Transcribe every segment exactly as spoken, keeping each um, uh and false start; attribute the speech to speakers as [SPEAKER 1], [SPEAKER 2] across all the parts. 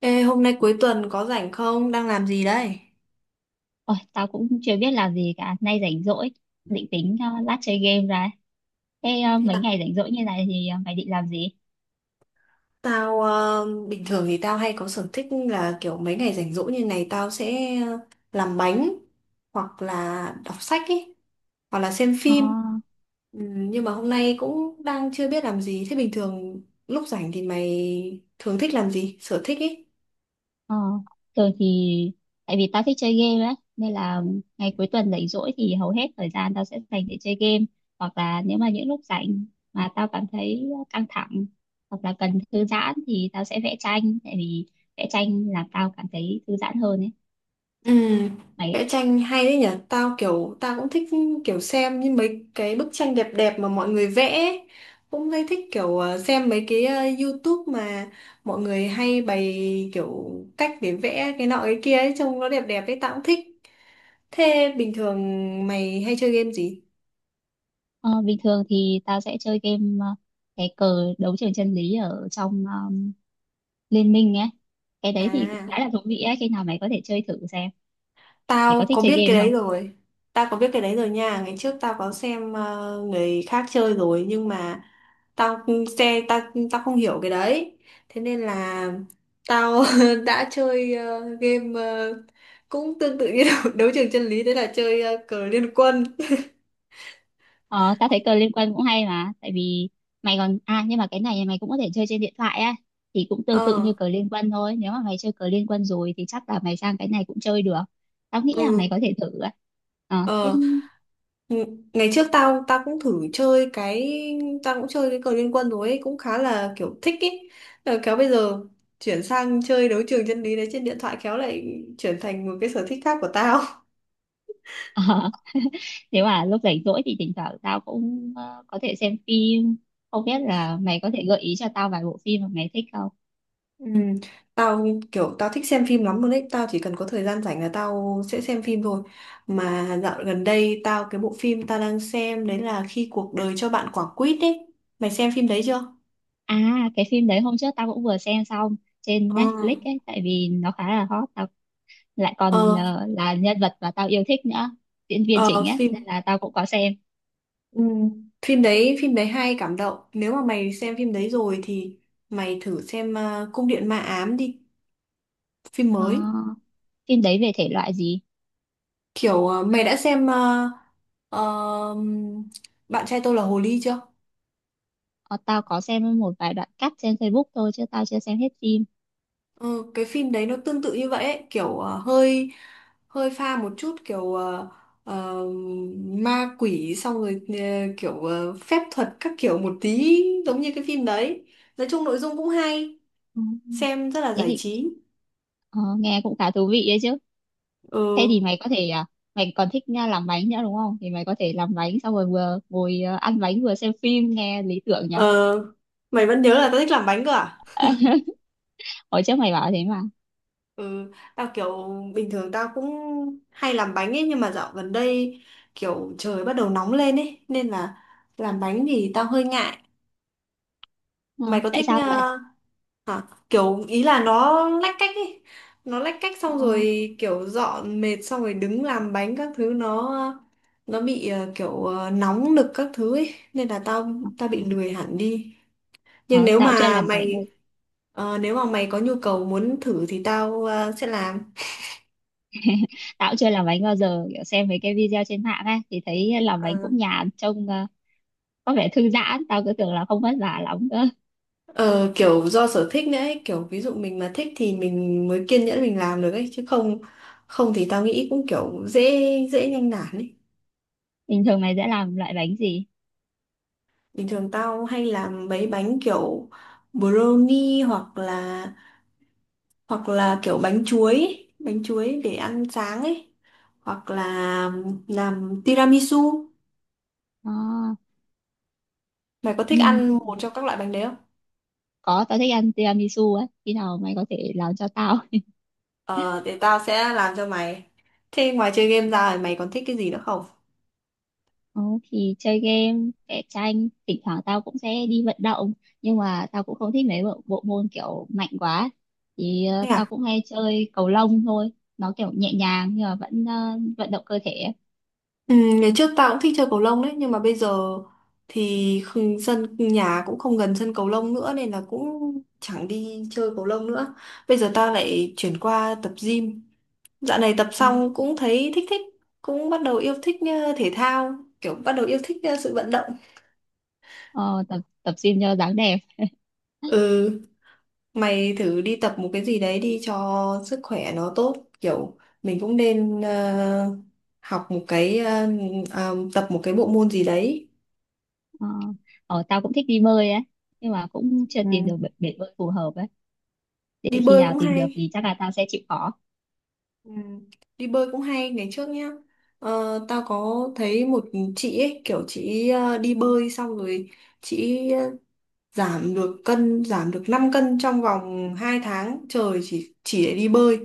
[SPEAKER 1] Ê, hôm nay cuối tuần có rảnh không? Đang làm gì đây?
[SPEAKER 2] Ôi, tao cũng chưa biết làm gì cả, nay rảnh rỗi, định tính ờ, lát chơi game ra. Thế ờ, mấy ngày rảnh rỗi như này thì ờ, mày định làm gì?
[SPEAKER 1] Tao ờ, bình thường thì tao hay có sở thích là kiểu mấy ngày rảnh rỗi như này tao sẽ ờ, làm bánh hoặc là đọc sách ấy hoặc là xem
[SPEAKER 2] Ờ,
[SPEAKER 1] phim. Ừ, nhưng mà hôm nay cũng đang chưa biết làm gì. Thế bình thường lúc rảnh thì mày thường thích làm gì? Sở thích ý?
[SPEAKER 2] ờ, thường thì tại vì tao thích chơi game ấy, nên là ngày cuối tuần rảnh rỗi thì hầu hết thời gian tao sẽ dành để chơi game, hoặc là nếu mà những lúc rảnh mà tao cảm thấy căng thẳng hoặc là cần thư giãn thì tao sẽ vẽ tranh, tại vì vẽ tranh làm tao cảm thấy thư giãn hơn ấy.
[SPEAKER 1] Ừ,
[SPEAKER 2] Mày.
[SPEAKER 1] vẽ tranh hay đấy nhỉ. Tao kiểu tao cũng thích kiểu xem như mấy cái bức tranh đẹp đẹp mà mọi người vẽ ấy. Cũng hay thích kiểu ờ, xem mấy cái ờ, YouTube mà mọi người hay bày kiểu cách để vẽ cái nọ cái kia ấy, trông nó đẹp đẹp ấy. Tao cũng thích. Thế bình thường mày hay chơi game gì?
[SPEAKER 2] Ờ, bình thường thì tao sẽ chơi game, ờ, cái cờ đấu trường chân lý ở trong ờ, Liên minh ấy. Cái đấy thì cũng
[SPEAKER 1] À.
[SPEAKER 2] khá là thú vị ấy, khi nào mày có thể chơi thử xem. Mày có
[SPEAKER 1] Tao
[SPEAKER 2] thích
[SPEAKER 1] có
[SPEAKER 2] chơi
[SPEAKER 1] biết cái
[SPEAKER 2] game
[SPEAKER 1] đấy
[SPEAKER 2] không?
[SPEAKER 1] rồi. Tao có biết cái đấy rồi nha. Ngày trước tao có xem ờ, người khác chơi rồi nhưng mà tao xe tao tao không hiểu cái đấy. Thế nên là tao đã chơi ờ, game ờ, cũng tương tự như đấu, đấu trường chân lý đấy là chơi ờ, cờ liên quân.
[SPEAKER 2] Ờ, tao thấy cờ liên quân cũng hay mà, tại vì mày còn, à, nhưng mà cái này mày cũng có thể chơi trên điện thoại á, thì cũng tương tự
[SPEAKER 1] Ờ.
[SPEAKER 2] như cờ liên quân thôi. Nếu mà mày chơi cờ liên quân rồi thì chắc là mày sang cái này cũng chơi được. Tao nghĩ là mày
[SPEAKER 1] Ừ.
[SPEAKER 2] có thể thử á. Ờ, thế.
[SPEAKER 1] Ờ, ng- ngày trước tao tao cũng thử chơi cái tao cũng chơi cái cờ liên quân rồi ấy, cũng khá là kiểu thích ấy. Ờ, Khéo bây giờ chuyển sang chơi đấu trường chân lý đấy trên điện thoại khéo lại chuyển thành một cái sở thích khác của tao.
[SPEAKER 2] Ờ, nếu mà lúc rảnh rỗi thì thỉnh thoảng tao cũng ờ, có thể xem phim, không biết là mày có thể gợi ý cho tao vài bộ phim mà mày thích không.
[SPEAKER 1] Ừ, tao kiểu tao thích xem phim lắm luôn đấy, tao chỉ cần có thời gian rảnh là tao sẽ xem phim thôi. Mà dạo gần đây tao cái bộ phim tao đang xem đấy là Khi cuộc đời cho bạn quả quýt ấy. Mày xem phim đấy chưa?
[SPEAKER 2] À, cái phim đấy hôm trước tao cũng vừa xem xong trên
[SPEAKER 1] Ờ,
[SPEAKER 2] Netflix ấy, tại vì nó khá là hot, tao lại còn
[SPEAKER 1] ờ,
[SPEAKER 2] là, là nhân vật mà tao yêu thích nữa, diễn viên
[SPEAKER 1] ờ,
[SPEAKER 2] chính ấy nên
[SPEAKER 1] phim
[SPEAKER 2] là tao cũng có xem.
[SPEAKER 1] Ừ. Phim đấy phim đấy hay cảm động. Nếu mà mày xem phim đấy rồi thì mày thử xem ờ, Cung điện ma ám đi, phim
[SPEAKER 2] Ờ,
[SPEAKER 1] mới.
[SPEAKER 2] phim đấy về thể loại gì?
[SPEAKER 1] Kiểu ờ, mày đã xem ờ, ờ, Bạn trai tôi là hồ ly chưa?
[SPEAKER 2] Ờ, tao có xem một vài đoạn cắt trên Facebook thôi chứ tao chưa xem hết phim.
[SPEAKER 1] Ừ, cái phim đấy nó tương tự như vậy ấy. Kiểu ờ, hơi hơi pha một chút kiểu ờ, ờ, ma quỷ, xong rồi ờ, kiểu ờ, phép thuật các kiểu một tí, giống như cái phim đấy. Nói chung nội dung cũng hay,
[SPEAKER 2] Ừ,
[SPEAKER 1] xem rất là
[SPEAKER 2] thế
[SPEAKER 1] giải
[SPEAKER 2] thì
[SPEAKER 1] trí.
[SPEAKER 2] ờ, nghe cũng khá thú vị đấy chứ. Thế thì
[SPEAKER 1] Ừ.
[SPEAKER 2] mày có thể, à, mày còn thích nha, làm bánh nữa đúng không, thì mày có thể làm bánh xong rồi vừa ngồi, à, ăn bánh vừa xem phim, nghe lý tưởng nhỉ.
[SPEAKER 1] Ờ, mày vẫn nhớ là tao thích làm bánh cơ à?
[SPEAKER 2] Hồi trước mày bảo thế mà.
[SPEAKER 1] Ừ, tao kiểu bình thường tao cũng hay làm bánh ấy nhưng mà dạo gần đây kiểu trời bắt đầu nóng lên ấy nên là làm bánh thì tao hơi ngại.
[SPEAKER 2] Ờ,
[SPEAKER 1] Mày có
[SPEAKER 2] tại
[SPEAKER 1] thích
[SPEAKER 2] sao vậy?
[SPEAKER 1] ờ, hả? Kiểu ý là nó lách cách ấy. Nó lách cách
[SPEAKER 2] Ờ,
[SPEAKER 1] xong rồi kiểu dọn mệt xong rồi đứng làm bánh các thứ, nó nó bị ờ, kiểu ờ, nóng nực các thứ ấy nên là tao tao bị lười hẳn đi. Nhưng
[SPEAKER 2] ờ,
[SPEAKER 1] nếu
[SPEAKER 2] tao chưa
[SPEAKER 1] mà
[SPEAKER 2] làm bánh bao-
[SPEAKER 1] mày ờ, nếu mà mày có nhu cầu muốn thử thì tao ờ, sẽ làm.
[SPEAKER 2] tao cũng chưa làm bánh bao giờ, kiểu xem mấy cái video trên mạng ấy thì thấy làm bánh cũng nhàn, trông ờ, có vẻ thư giãn, tao cứ tưởng là không vất vả lắm cơ.
[SPEAKER 1] Ờ, kiểu do sở thích nữa ấy, kiểu ví dụ mình mà thích thì mình mới kiên nhẫn mình làm được ấy chứ không không thì tao nghĩ cũng kiểu dễ dễ nhanh nản ấy.
[SPEAKER 2] Bình thường mày sẽ làm loại bánh gì?
[SPEAKER 1] Bình thường tao hay làm mấy bánh kiểu brownie hoặc là hoặc là kiểu bánh chuối, ấy, bánh chuối để ăn sáng ấy hoặc là làm tiramisu.
[SPEAKER 2] Ờ,
[SPEAKER 1] Mày có thích
[SPEAKER 2] ừm,
[SPEAKER 1] ăn một trong các loại bánh đấy không?
[SPEAKER 2] có, tao thích ăn tiramisu ấy, khi nào mày có thể làm cho tao.
[SPEAKER 1] Ờ, thì tao sẽ làm cho mày. Thế ngoài chơi game ra thì mày còn thích cái gì nữa không?
[SPEAKER 2] Ừ, thì chơi game, vẽ tranh, thỉnh thoảng tao cũng sẽ đi vận động, nhưng mà tao cũng không thích mấy bộ, bộ môn kiểu mạnh quá, thì ờ,
[SPEAKER 1] Thế
[SPEAKER 2] tao
[SPEAKER 1] à?
[SPEAKER 2] cũng hay chơi cầu lông thôi. Nó kiểu nhẹ nhàng nhưng mà vẫn ờ, vận động cơ thể ấy.
[SPEAKER 1] Ừ, ngày trước tao cũng thích chơi cầu lông đấy, nhưng mà bây giờ thì khung- sân nhà cũng không gần sân cầu lông nữa nên là cũng chẳng đi chơi cầu lông nữa. Bây giờ tao lại chuyển qua tập gym. Dạo này tập
[SPEAKER 2] Ừ.
[SPEAKER 1] xong cũng thấy thích thích, cũng bắt đầu yêu thích ờ, thể thao, kiểu bắt đầu yêu thích ờ, sự vận động.
[SPEAKER 2] Ờ, tập tập gym cho dáng đẹp.
[SPEAKER 1] Ừ. Mày thử đi tập một cái gì đấy đi cho sức khỏe nó tốt. Kiểu mình cũng nên ờ, học một cái ờ, ờ, tập một cái bộ môn gì đấy.
[SPEAKER 2] ờ, ờ, tao cũng thích đi bơi ấy, nhưng mà cũng chưa
[SPEAKER 1] Ừ.
[SPEAKER 2] tìm được bể, bể bơi phù hợp ấy, để
[SPEAKER 1] Đi
[SPEAKER 2] khi
[SPEAKER 1] bơi
[SPEAKER 2] nào
[SPEAKER 1] cũng
[SPEAKER 2] tìm được
[SPEAKER 1] hay.
[SPEAKER 2] thì chắc là tao sẽ chịu khó.
[SPEAKER 1] Ừ. Đi bơi cũng hay ngày trước nhá. Ờ, tao có thấy một chị ấy kiểu chị ờ, đi bơi xong rồi chị giảm được cân giảm được năm cân trong vòng hai tháng trời, chỉ chỉ để đi bơi.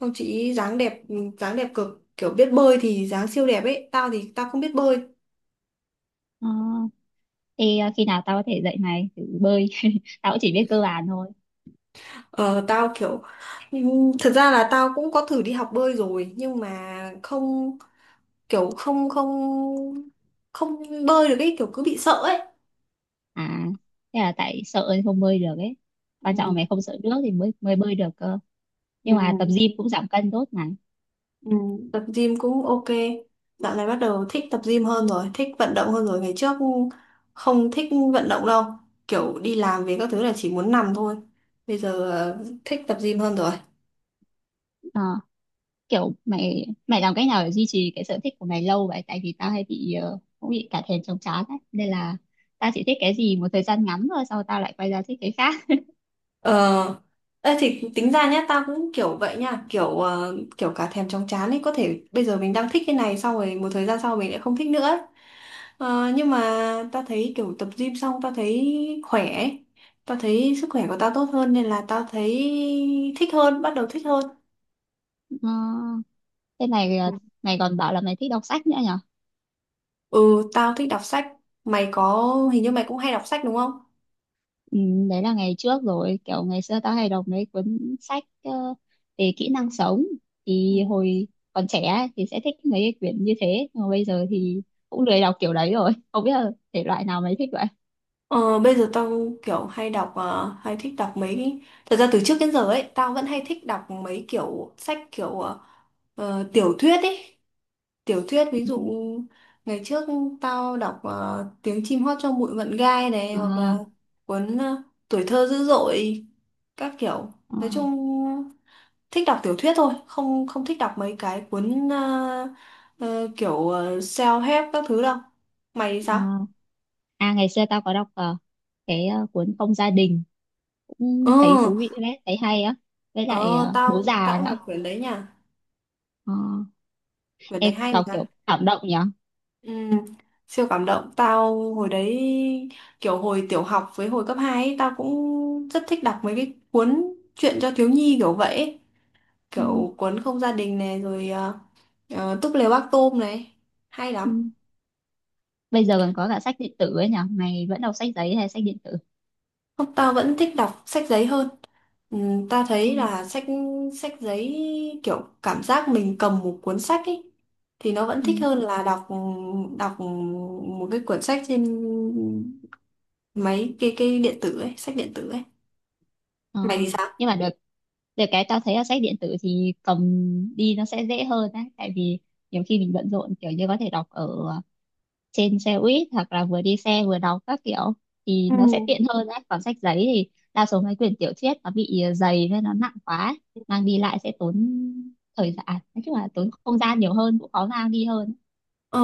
[SPEAKER 1] Không, chị ý dáng đẹp, dáng đẹp cực, kiểu biết bơi thì dáng siêu đẹp ấy. Tao thì tao không biết bơi.
[SPEAKER 2] Ờ, thì ờ, khi nào tao có thể dạy mày thử bơi, tao cũng chỉ biết cơ bản thôi.
[SPEAKER 1] ờ Tao kiểu ừm, thật ra là tao cũng có thử đi học bơi rồi nhưng mà không, kiểu không không không bơi được ấy, kiểu cứ bị sợ ấy.
[SPEAKER 2] À, thế là tại sợ thì không bơi được ấy, quan trọng là
[SPEAKER 1] Ừ.
[SPEAKER 2] mày không sợ nước thì mới mới bơi được cơ.
[SPEAKER 1] Ừ.
[SPEAKER 2] Nhưng mà tập gym cũng giảm cân tốt mà.
[SPEAKER 1] Ừ, tập gym cũng ok. Dạo này bắt đầu thích tập gym hơn rồi, thích vận động hơn rồi. Ngày trước không thích vận động đâu. Kiểu đi làm về các thứ là chỉ muốn nằm thôi. Bây giờ ờ, thích tập gym hơn rồi.
[SPEAKER 2] Ờ, kiểu mày mày làm cách nào để duy trì cái sở thích của mày lâu vậy, tại vì tao hay bị ờ, cũng bị cả thèm chóng chán ấy nên là tao chỉ thích cái gì một thời gian ngắn thôi sau tao lại quay ra thích cái khác.
[SPEAKER 1] Ờ, ê, thì tính ra nhá, tao cũng kiểu vậy nha. Kiểu ờ, kiểu cả thèm chóng chán ấy. Có thể bây giờ mình đang thích cái này xong rồi một thời gian sau mình lại không thích nữa ấy. Ờ, nhưng mà tao thấy kiểu tập gym xong tao thấy khỏe ấy. Tao thấy sức khỏe của tao tốt hơn nên là tao thấy thích hơn, bắt đầu thích hơn.
[SPEAKER 2] Ờ, thế này mày ờ, mày còn bảo là mày thích đọc sách nữa nhỉ.
[SPEAKER 1] Ừ, tao thích đọc sách. Mày có, Hình như mày cũng hay đọc sách đúng không?
[SPEAKER 2] Ừ, đấy là ngày trước rồi, kiểu ngày xưa tao hay đọc mấy cuốn sách ờ, về kỹ năng sống,
[SPEAKER 1] Ừ.
[SPEAKER 2] thì hồi còn trẻ ấy, thì sẽ thích mấy cái quyển như thế nhưng mà bây giờ thì cũng lười đọc kiểu đấy rồi. Không biết là thể loại nào mày thích vậy?
[SPEAKER 1] Ờ, bây giờ tao kiểu hay đọc, ờ, hay thích đọc mấy. Thật ra từ trước đến giờ ấy, tao vẫn hay thích đọc mấy kiểu sách kiểu ờ, ờ, tiểu thuyết ấy. Tiểu thuyết, ví dụ ngày trước tao đọc ờ, Tiếng chim hót trong bụi mận gai này, hoặc
[SPEAKER 2] À,
[SPEAKER 1] là cuốn ờ, Tuổi thơ dữ dội, các kiểu.
[SPEAKER 2] à,
[SPEAKER 1] Nói chung thích đọc tiểu thuyết thôi, không không thích đọc mấy cái cuốn ờ, ờ, kiểu ờ, self-help các thứ đâu. Mày thì sao?
[SPEAKER 2] à. À ngày xưa tao có đọc ờ, cái ờ, cuốn Không gia đình,
[SPEAKER 1] Ừ.
[SPEAKER 2] cũng thấy thú vị đấy, thấy hay á. Với lại
[SPEAKER 1] ờ,
[SPEAKER 2] ờ, Bố
[SPEAKER 1] tao
[SPEAKER 2] già
[SPEAKER 1] tao cũng
[SPEAKER 2] nữa.
[SPEAKER 1] đọc quyển đấy nha.
[SPEAKER 2] Ờ,
[SPEAKER 1] Quyển đấy
[SPEAKER 2] em
[SPEAKER 1] hay
[SPEAKER 2] đọc
[SPEAKER 1] mà.
[SPEAKER 2] kiểu cảm động nhỉ.
[SPEAKER 1] Ừ, siêu cảm động. Tao hồi đấy kiểu hồi tiểu học với hồi cấp hai ấy, tao cũng rất thích đọc mấy cái cuốn truyện cho thiếu nhi kiểu vậy ấy.
[SPEAKER 2] Ừ,
[SPEAKER 1] Kiểu cuốn không gia đình này rồi ờ, ờ, túp lều bác tôm này, hay
[SPEAKER 2] ừ.
[SPEAKER 1] lắm.
[SPEAKER 2] Bây giờ còn có cả sách điện tử ấy nhỉ, mày vẫn đọc sách giấy hay sách điện tử?
[SPEAKER 1] Không, tao vẫn thích đọc sách giấy hơn. Ừ, ta thấy là sách sách giấy, kiểu cảm giác mình cầm một cuốn sách ấy thì nó vẫn
[SPEAKER 2] Ừ,
[SPEAKER 1] thích hơn là đọc đọc một cái cuốn sách trên máy cái cái điện tử ấy, sách điện tử ấy.
[SPEAKER 2] ờ.
[SPEAKER 1] Mày thì sao?
[SPEAKER 2] Nhưng mà được, được cái tao thấy là sách điện tử thì cầm đi nó sẽ dễ hơn á, tại vì nhiều khi mình bận rộn, kiểu như có thể đọc ở trên xe buýt hoặc là vừa đi xe vừa đọc các kiểu thì
[SPEAKER 1] Ừ.
[SPEAKER 2] nó sẽ tiện hơn á, còn sách giấy thì đa số mấy quyển tiểu thuyết nó bị ờ, dày nên nó nặng quá, mang đi lại sẽ tốn thời gian, à, nói chung là tốn không gian nhiều hơn, cũng khó mang đi hơn.
[SPEAKER 1] Ờ,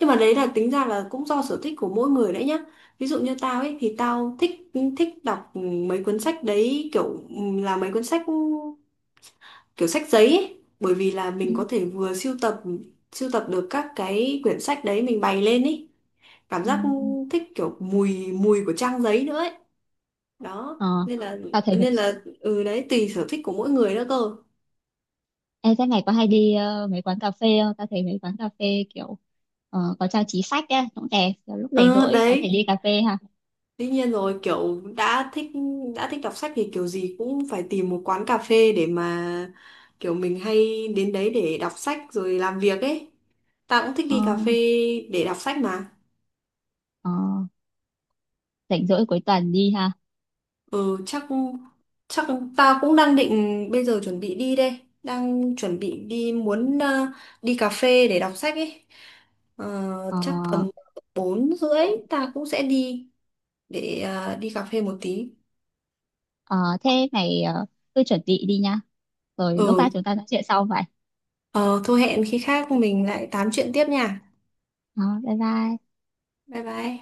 [SPEAKER 1] nhưng mà đấy là tính ra là cũng do sở thích của mỗi người đấy nhá. Ví dụ như tao ấy thì tao thích thích đọc mấy cuốn sách đấy kiểu là mấy cuốn sách kiểu sách giấy ấy. Bởi vì là
[SPEAKER 2] Ừ.
[SPEAKER 1] mình có thể vừa sưu tập sưu tập được các cái quyển sách đấy mình bày lên ý, cảm
[SPEAKER 2] Ừ.
[SPEAKER 1] giác thích kiểu mùi mùi của trang giấy nữa ấy, đó
[SPEAKER 2] Ờ.
[SPEAKER 1] nên là
[SPEAKER 2] Tao thấy.
[SPEAKER 1] nên là ừ đấy tùy sở thích của mỗi người nữa cơ.
[SPEAKER 2] Ê, thế mày có hay đi ờ, mấy quán cà phê không? Tao thấy mấy quán cà phê kiểu ờ, có trang trí sách á, cũng đẹp. Kiểu lúc rảnh
[SPEAKER 1] Ừ
[SPEAKER 2] rỗi có thể
[SPEAKER 1] đấy,
[SPEAKER 2] đi cà phê ha.
[SPEAKER 1] tuy nhiên rồi kiểu đã thích đã thích đọc sách thì kiểu gì cũng phải tìm một quán cà phê để mà kiểu mình hay đến đấy để đọc sách rồi làm việc ấy. Tao cũng thích
[SPEAKER 2] Ờ,
[SPEAKER 1] đi cà phê để đọc sách mà.
[SPEAKER 2] ờ, rảnh rỗi cuối tuần đi ha.
[SPEAKER 1] Ừ chắc Chắc tao cũng đang định bây giờ chuẩn bị đi đây, đang chuẩn bị đi muốn ờ, đi cà phê để đọc sách ấy. Ờ,
[SPEAKER 2] Ờ,
[SPEAKER 1] chắc tầm bốn rưỡi
[SPEAKER 2] ừ,
[SPEAKER 1] ta cũng sẽ đi để ờ, đi cà phê một tí.
[SPEAKER 2] ờ, thế mày ờ, cứ chuẩn bị đi nha. Rồi lúc khác
[SPEAKER 1] Ừ,
[SPEAKER 2] chúng ta nói chuyện sau vậy.
[SPEAKER 1] ờ, thôi hẹn khi khác mình lại tám chuyện tiếp nha.
[SPEAKER 2] Ờ, bye bye.
[SPEAKER 1] Bye bye.